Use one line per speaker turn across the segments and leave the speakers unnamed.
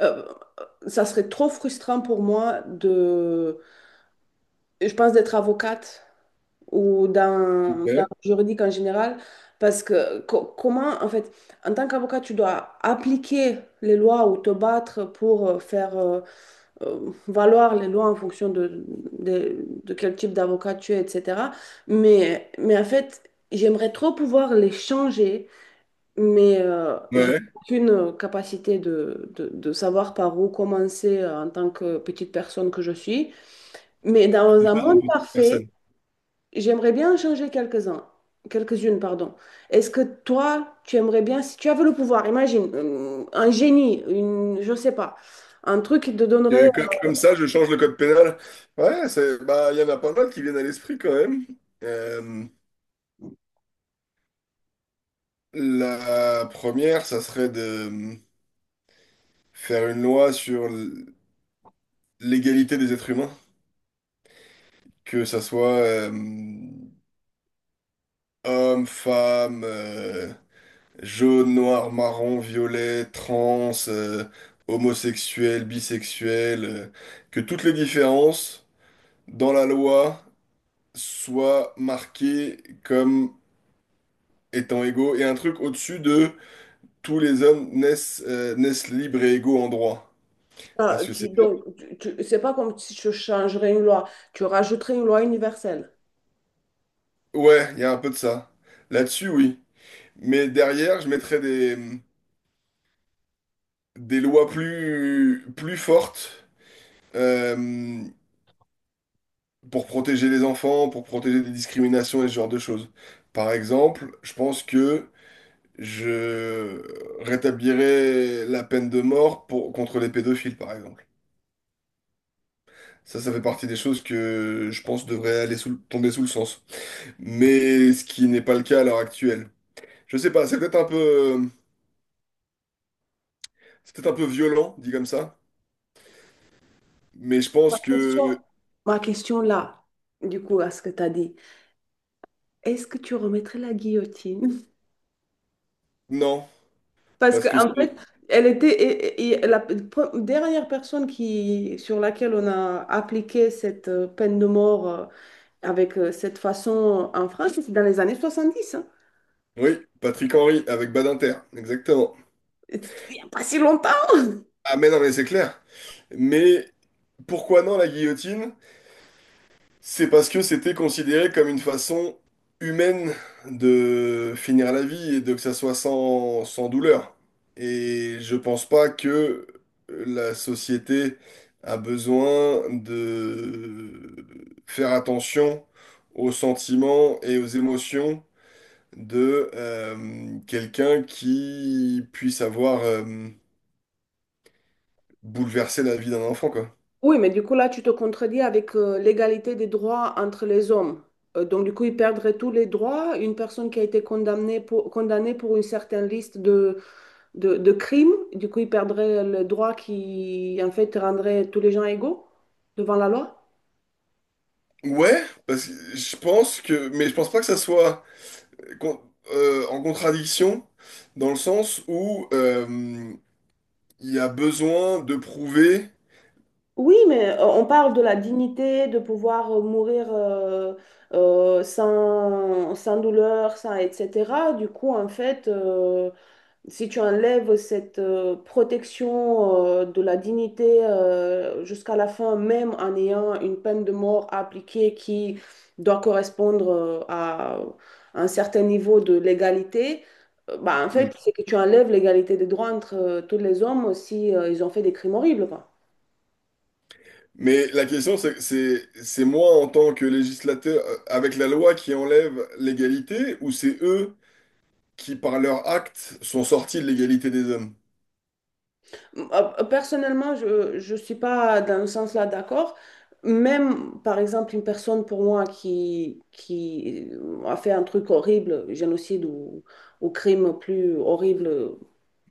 Euh, ça serait trop frustrant pour moi de, je pense, d'être avocate ou dans
Ouais,
le juridique en général, parce que comment, en fait, en tant qu'avocat, tu dois appliquer les lois ou te battre pour faire valoir les lois en fonction de quel type d'avocat tu es, etc. Mais en fait, j'aimerais trop pouvoir les changer mais j'ai
ouais,
aucune capacité de savoir par où commencer en tant que petite personne que je suis. Mais
tu
dans
n'es
un
pas une
monde
petite
parfait,
personne.
j'aimerais bien en changer quelques-uns, quelques-unes, pardon. Est-ce que toi, tu aimerais bien, si tu avais le pouvoir, imagine, un génie, une, je sais pas, un truc qui te donnerait,
Comme ça, je change le code pénal. Ouais, c'est, bah, il y en a pas mal qui viennent à l'esprit quand même. Euh, la première, ça serait de faire une loi sur l'égalité des êtres humains, que ça soit homme, femme, jaune, noir, marron, violet, trans, homosexuel, bisexuel, que toutes les différences dans la loi soit marqué comme étant égaux et un truc au-dessus de tous les hommes naissent, naissent libres et égaux en droit. Parce
euh,
que
tu,
c'est...
donc, tu, tu- c'est pas comme si tu changerais une loi, tu rajouterais une loi universelle.
Ouais, il y a un peu de ça. Là-dessus, oui. Mais derrière, je mettrais des lois plus fortes euh, pour protéger les enfants, pour protéger des discriminations et ce genre de choses. Par exemple, je pense que je rétablirais la peine de mort contre les pédophiles, par exemple. Ça fait partie des choses que je pense devraient aller sous, tomber sous le sens. Mais ce qui n'est pas le cas à l'heure actuelle. Je sais pas, c'est peut-être un peu, c'est peut-être un peu violent, dit comme ça. Mais je
Ma
pense
question,
que
ma question là, du coup, à ce que tu as dit. Est-ce que tu remettrais la guillotine?
non.
Parce
Parce que
qu'en
c'est.
fait, elle était et la pre- dernière personne sur laquelle on a appliqué cette peine de mort avec cette façon en France, c'est dans les années 70, hein.
Oui, Patrick Henry avec Badinter, exactement.
Et c'était, il n'y a pas si longtemps.
Ah mais non, mais c'est clair. Mais pourquoi non la guillotine? C'est parce que c'était considéré comme une façon humaine de finir la vie et de que ça soit sans douleur. Et je pense pas que la société a besoin de faire attention aux sentiments et aux émotions de quelqu'un qui puisse avoir bouleversé la vie d'un enfant, quoi.
Oui, mais du coup, là, tu te contredis avec l'égalité des droits entre les hommes. Donc, du coup, ils perdraient tous les droits. Une personne qui a été condamnée pour une certaine liste de crime. Du coup, ils perdraient le droit qui, en fait, rendrait tous les gens égaux devant la loi.
Ouais, parce que je pense que, mais je pense pas que ça soit con- en contradiction dans le sens où il y a besoin de prouver,
Oui, mais on parle de la dignité, de pouvoir mourir sans douleur, sans, etc. Du coup, en fait, si tu enlèves cette protection de la dignité jusqu'à la fin, même en ayant une peine de mort à appliquer qui doit correspondre à un certain niveau de légalité, bah, en
Mm.
fait, c'est que tu enlèves l'égalité des droits entre tous les hommes si ils ont fait des crimes horribles, quoi.
Mais la question c'est c'est moi en tant que législateur avec la loi qui enlève l'égalité ou c'est eux qui par leur acte sont sortis de l'égalité des hommes?
Personnellement, je ne suis pas dans ce sens là d'accord. Même, par exemple, une personne pour moi qui a fait un truc horrible, génocide ou crime plus horrible,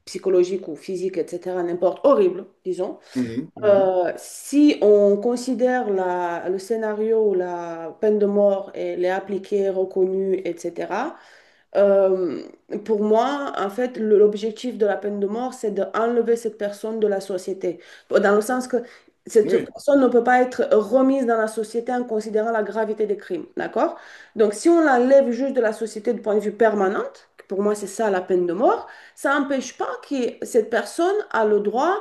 psychologique ou physique, etc., n'importe, horrible, disons.
Mhm, mhm.
Si on considère le scénario où la peine de mort elle est appliquée, reconnue, etc., euh, pour moi, en fait, l'objectif de la peine de mort, c'est d'enlever cette personne de la société. Dans le sens que cette
Oui.
personne ne peut pas être remise dans la société en considérant la gravité des crimes. D'accord? Donc, si on l'enlève juste de la société du point de vue permanent, que pour moi, c'est ça la peine de mort, ça n'empêche pas que cette personne a le droit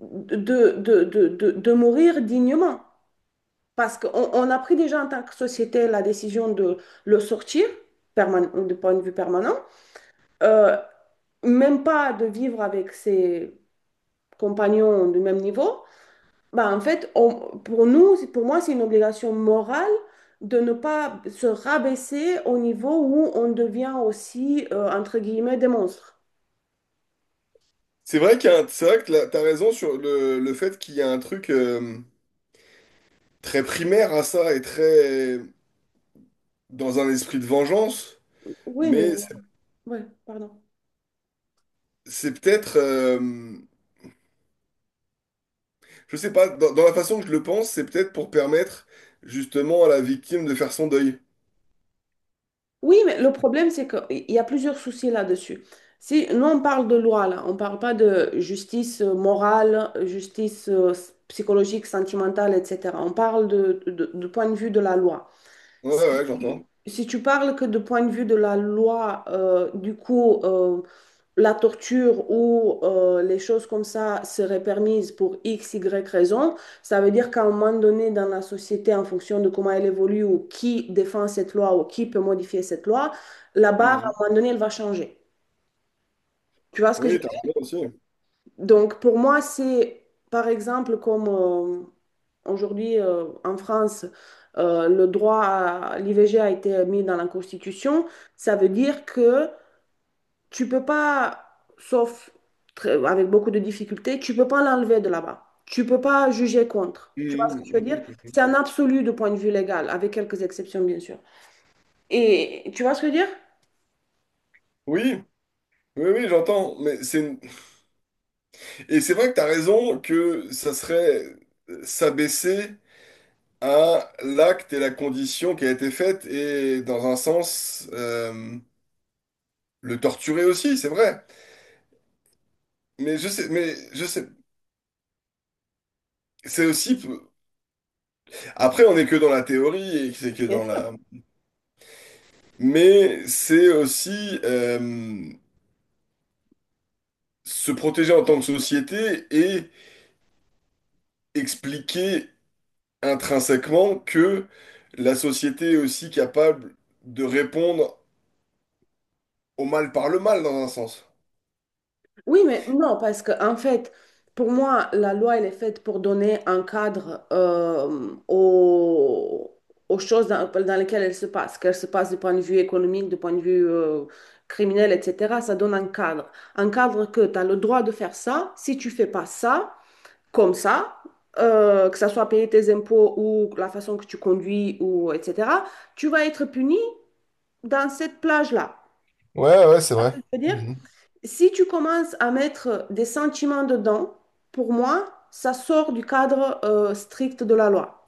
de, de mourir dignement. Parce qu'on on a pris déjà en tant que société la décision de le sortir de point de vue permanent euh, même pas de vivre avec ses compagnons du même niveau, bah en fait, pour nous, pour moi, c'est une obligation morale de ne pas se rabaisser au niveau où on devient aussi, entre guillemets, des monstres.
C'est vrai qu'il y a un, c'est vrai que là, t'as raison sur le fait qu'il y a un truc très primaire à ça et très dans un esprit de vengeance,
Oui, mais...
mais
Ouais, pardon.
c'est peut-être je sais pas, dans la façon que je le pense, c'est peut-être pour permettre justement à la victime de faire son deuil.
Oui, mais le problème, c'est qu'il y a plusieurs soucis là-dessus. Si, nous, on parle de loi, là. On ne parle pas de justice morale, justice psychologique, sentimentale, etc. On parle de, du point de vue de la loi.
Ouais, ouais,
Si,
ouais, j'entends.
si tu parles que du point de vue de la loi, du coup, la torture ou les choses comme ça seraient permises pour X, Y raison, ça veut dire qu'à un moment donné dans la société, en fonction de comment elle évolue ou qui défend cette loi ou qui peut modifier cette loi, la barre, à
Mhm.
un moment donné, elle va changer. Tu vois ce que je
Oui, t'as
veux dire?
raison aussi.
Donc, pour moi, c'est, par exemple, comme. Aujourd'hui, en France, le droit à l'IVG a été mis dans la Constitution. Ça veut dire que tu peux pas, sauf avec beaucoup de difficultés, tu peux pas l'enlever de là-bas. Tu peux pas juger contre. Tu vois ce que
Mhm,
je veux
mhm,
dire?
mhm.
C'est un absolu de point de vue légal, avec quelques exceptions, bien sûr. Et tu vois ce que je veux dire?
Oui, oui, oui, j'entends. Mais c'est et c'est vrai que t'as raison que ça serait s'abaisser à l'acte et la condition qui a été faite et dans un sens le torturer aussi, c'est vrai. Mais je sais, mais je sais. C'est aussi. Après, on n'est que dans la théorie et c'est que dans la mais c'est aussi se protéger en tant que société et expliquer intrinsèquement que la société est aussi capable de répondre au mal par le mal, dans un sens.
Oui, mais non, parce que en fait, pour moi, la loi, elle est faite pour donner un cadre aux, aux choses dans lesquelles elle se passe, qu'elle se passe du point de vue économique, du point de vue criminel, etc. Ça donne un cadre. Un cadre que tu as le droit de faire ça, si tu fais pas ça, comme ça, que ça soit payer tes impôts ou la façon que tu conduis, ou etc., tu vas être puni dans cette plage-là.
Ouais, ouais, c'est
Je
vrai.
veux dire
Mhm.
si tu commences à mettre des sentiments dedans, pour moi, ça sort du cadre strict de la loi.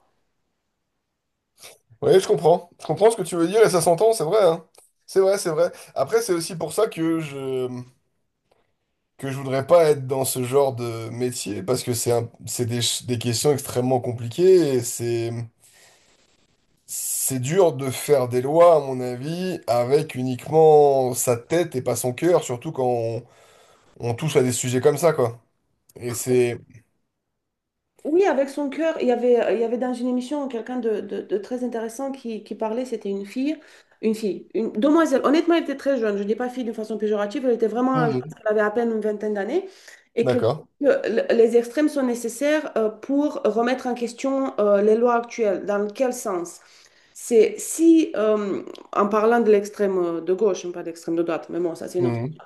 Ouais, je comprends. Je comprends ce que tu veux dire et ça s'entend, c'est vrai, hein. C'est vrai, c'est vrai. Après, c'est aussi pour ça que je voudrais pas être dans ce genre de métier parce que c'est un... c'est des... des questions extrêmement compliquées et c'est dur de faire des lois, à mon avis, avec uniquement sa tête et pas son cœur, surtout quand on touche à des sujets comme ça, quoi. Et c'est...
Oui, avec son cœur, il y avait dans une émission quelqu'un de, de très intéressant qui parlait, c'était une fille, une demoiselle. Honnêtement, elle était très jeune, je ne dis pas fille d'une façon péjorative, elle était vraiment, je pense
Mhm.
qu'elle avait à peine une vingtaine d'années, et qu'elle dit
D'accord.
que les extrêmes sont nécessaires pour remettre en question les lois actuelles. Dans quel sens? C'est si, en parlant de l'extrême de gauche, hein, pas d'extrême de droite, mais bon, ça c'est une autre,
Mhm.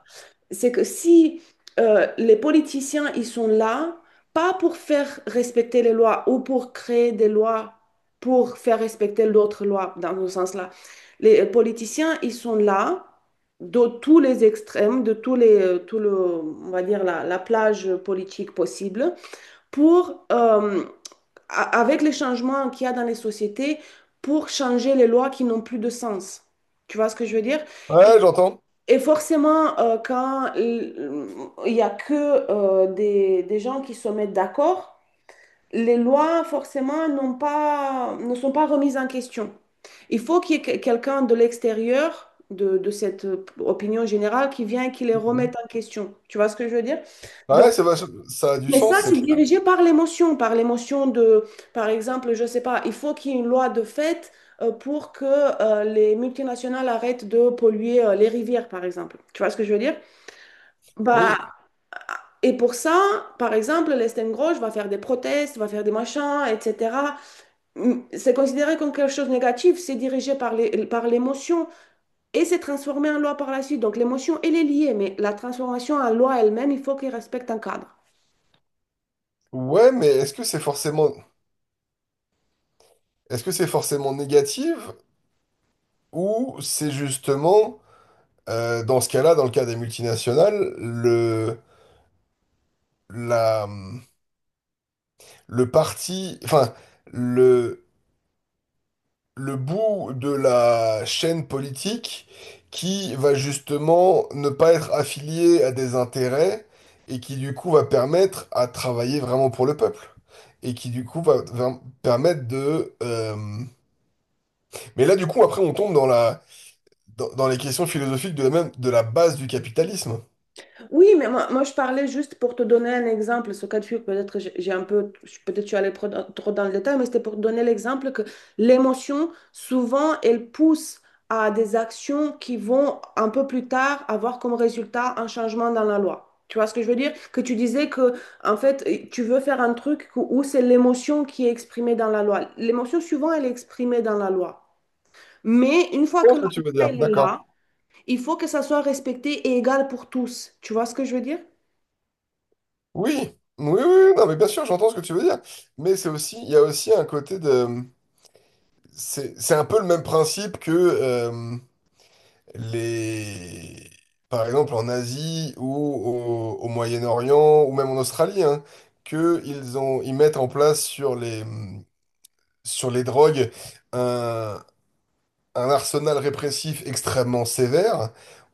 c'est que si les politiciens, ils sont là, pas pour faire respecter les lois ou pour créer des lois pour faire respecter d'autres lois, dans ce sens-là, les politiciens, ils sont là de tous les extrêmes, de tous les, tout le, on va dire, la plage politique possible pour... euh, avec les changements qu'il y a dans les sociétés pour changer les lois qui n'ont plus de sens. Tu vois ce que je veux dire? Et,
Ouais, j'entends.
et forcément, quand il n'y a que des gens qui se mettent d'accord, les lois, forcément, n'ont pas, ne sont pas remises en question. Il faut qu'il y ait quelqu'un de l'extérieur, de cette opinion générale, qui vient et qui les
Mhm.
remette en question. Tu vois ce que je veux dire? Donc,
Ouais, ça a du
mais ça,
sens, c'est
c'est
clair.
dirigé par l'émotion de, par exemple, je sais pas, il faut qu'il y ait une loi de fait pour que les multinationales arrêtent de polluer les rivières, par exemple. Tu vois ce que je veux dire? Bah,
Oui.
et pour ça, par exemple, l'Estème Grosse va faire des protestes, va faire des machins, etc. C'est considéré comme quelque chose de négatif, c'est dirigé par les, par l'émotion et c'est transformé en loi par la suite. Donc l'émotion, elle est liée, mais la transformation en loi elle-même, il faut qu'elle respecte un cadre.
Ouais, mais est-ce que c'est forcément... Est-ce que c'est forcément négatif ou c'est justement, dans ce cas-là, dans le cas des multinationales, le... la... le parti... Enfin, le bout de la chaîne politique qui va justement ne pas être affilié à des intérêts et qui du coup va permettre à travailler vraiment pour le peuple. Et qui du coup va permettre de... mais là du coup après on tombe dans dans les questions philosophiques de la même, de la base du capitalisme.
Oui, mais moi, je parlais juste pour te donner un exemple. Ce cas de figure, peut-être que j'ai un peu, peut-être je suis allée trop dans le détail, mais c'était pour te donner l'exemple que l'émotion, souvent, elle pousse à des actions qui vont un peu plus tard avoir comme résultat un changement dans la loi. Tu vois ce que je veux dire? Que tu disais que, en fait, tu veux faire un truc où c'est l'émotion qui est exprimée dans la loi. L'émotion, souvent, elle est exprimée dans la loi. Mais une fois
Je
que la
comprends
loi,
ce que tu veux dire,
elle est
d'accord.
là, il faut que ça soit respecté et égal pour tous. Tu vois ce que je veux dire?
Oui, oui, oui, oui, non mais bien sûr j'entends ce que tu veux dire. Mais c'est aussi, il y a aussi un côté de... c'est un peu le même principe que... les... par exemple en Asie ou au Moyen-Orient ou même en Australie, hein, que ils ont, ils mettent en place sur sur les drogues un, un arsenal répressif extrêmement sévère,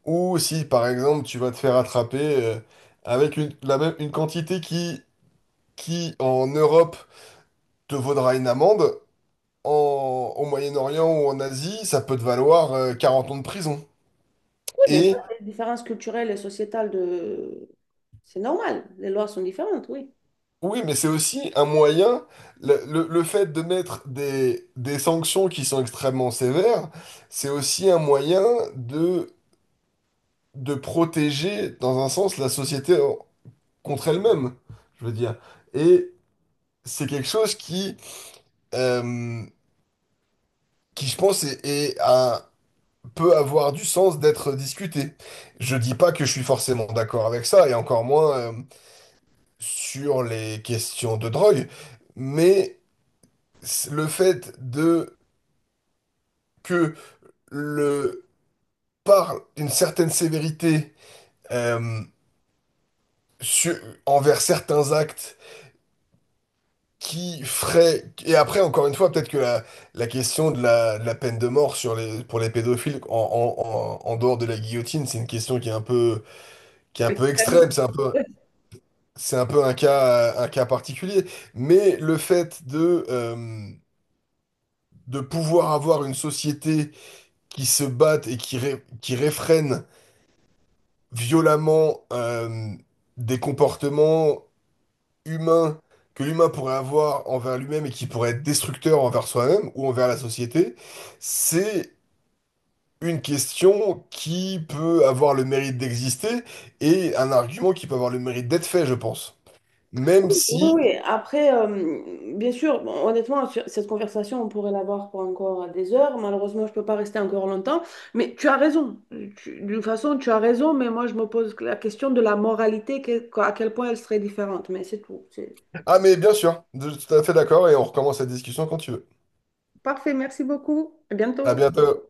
ou si par exemple tu vas te faire attraper avec une, la même, une quantité qui en Europe te vaudra une amende. En, au Moyen-Orient ou en Asie, ça peut te valoir 40 ans de prison.
Mais ça,
Et
c'est les différences culturelles et sociétales de... C'est normal, les lois sont différentes, oui.
oui, mais c'est aussi un moyen, le fait de mettre des sanctions qui sont extrêmement sévères, c'est aussi un moyen de, de protéger, dans un sens, la société contre elle-même, je veux dire. Et c'est quelque chose euh, qui je pense, est un- peut avoir du sens d'être discuté. Je dis pas que je suis forcément d'accord avec ça, et encore moins, sur les questions de drogue, mais le fait de que le parle d'une certaine sévérité euh, sur- envers certains actes qui ferait et après encore une fois peut-être que la question de de la peine de mort sur les pour les pédophiles en dehors de la guillotine c'est une question qui est un peu qui est un peu extrême c'est un peu un cas particulier mais le fait de pouvoir avoir une société qui se batte et qui qui réfrène violemment des comportements humains que l'humain pourrait avoir envers lui-même et qui pourraient être destructeurs envers soi-même ou envers la société, c'est une question qui peut avoir le mérite d'exister et un argument qui peut avoir le mérite d'être fait, je pense. Même
Oui, oui.
si...
Oui. Après, bien sûr, bon, honnêtement, sur cette conversation, on pourrait l'avoir pour encore des heures. Malheureusement, je ne peux pas rester encore longtemps. Mais tu as raison. D'une façon, tu as raison, mais moi, je me pose la question de la moralité, à quel point elle serait différente. Mais c'est tout.
Ah mais bien sûr, je suis tout à fait d'accord et on recommence la discussion quand tu veux.
Parfait, merci beaucoup. À
À
bientôt.
bientôt.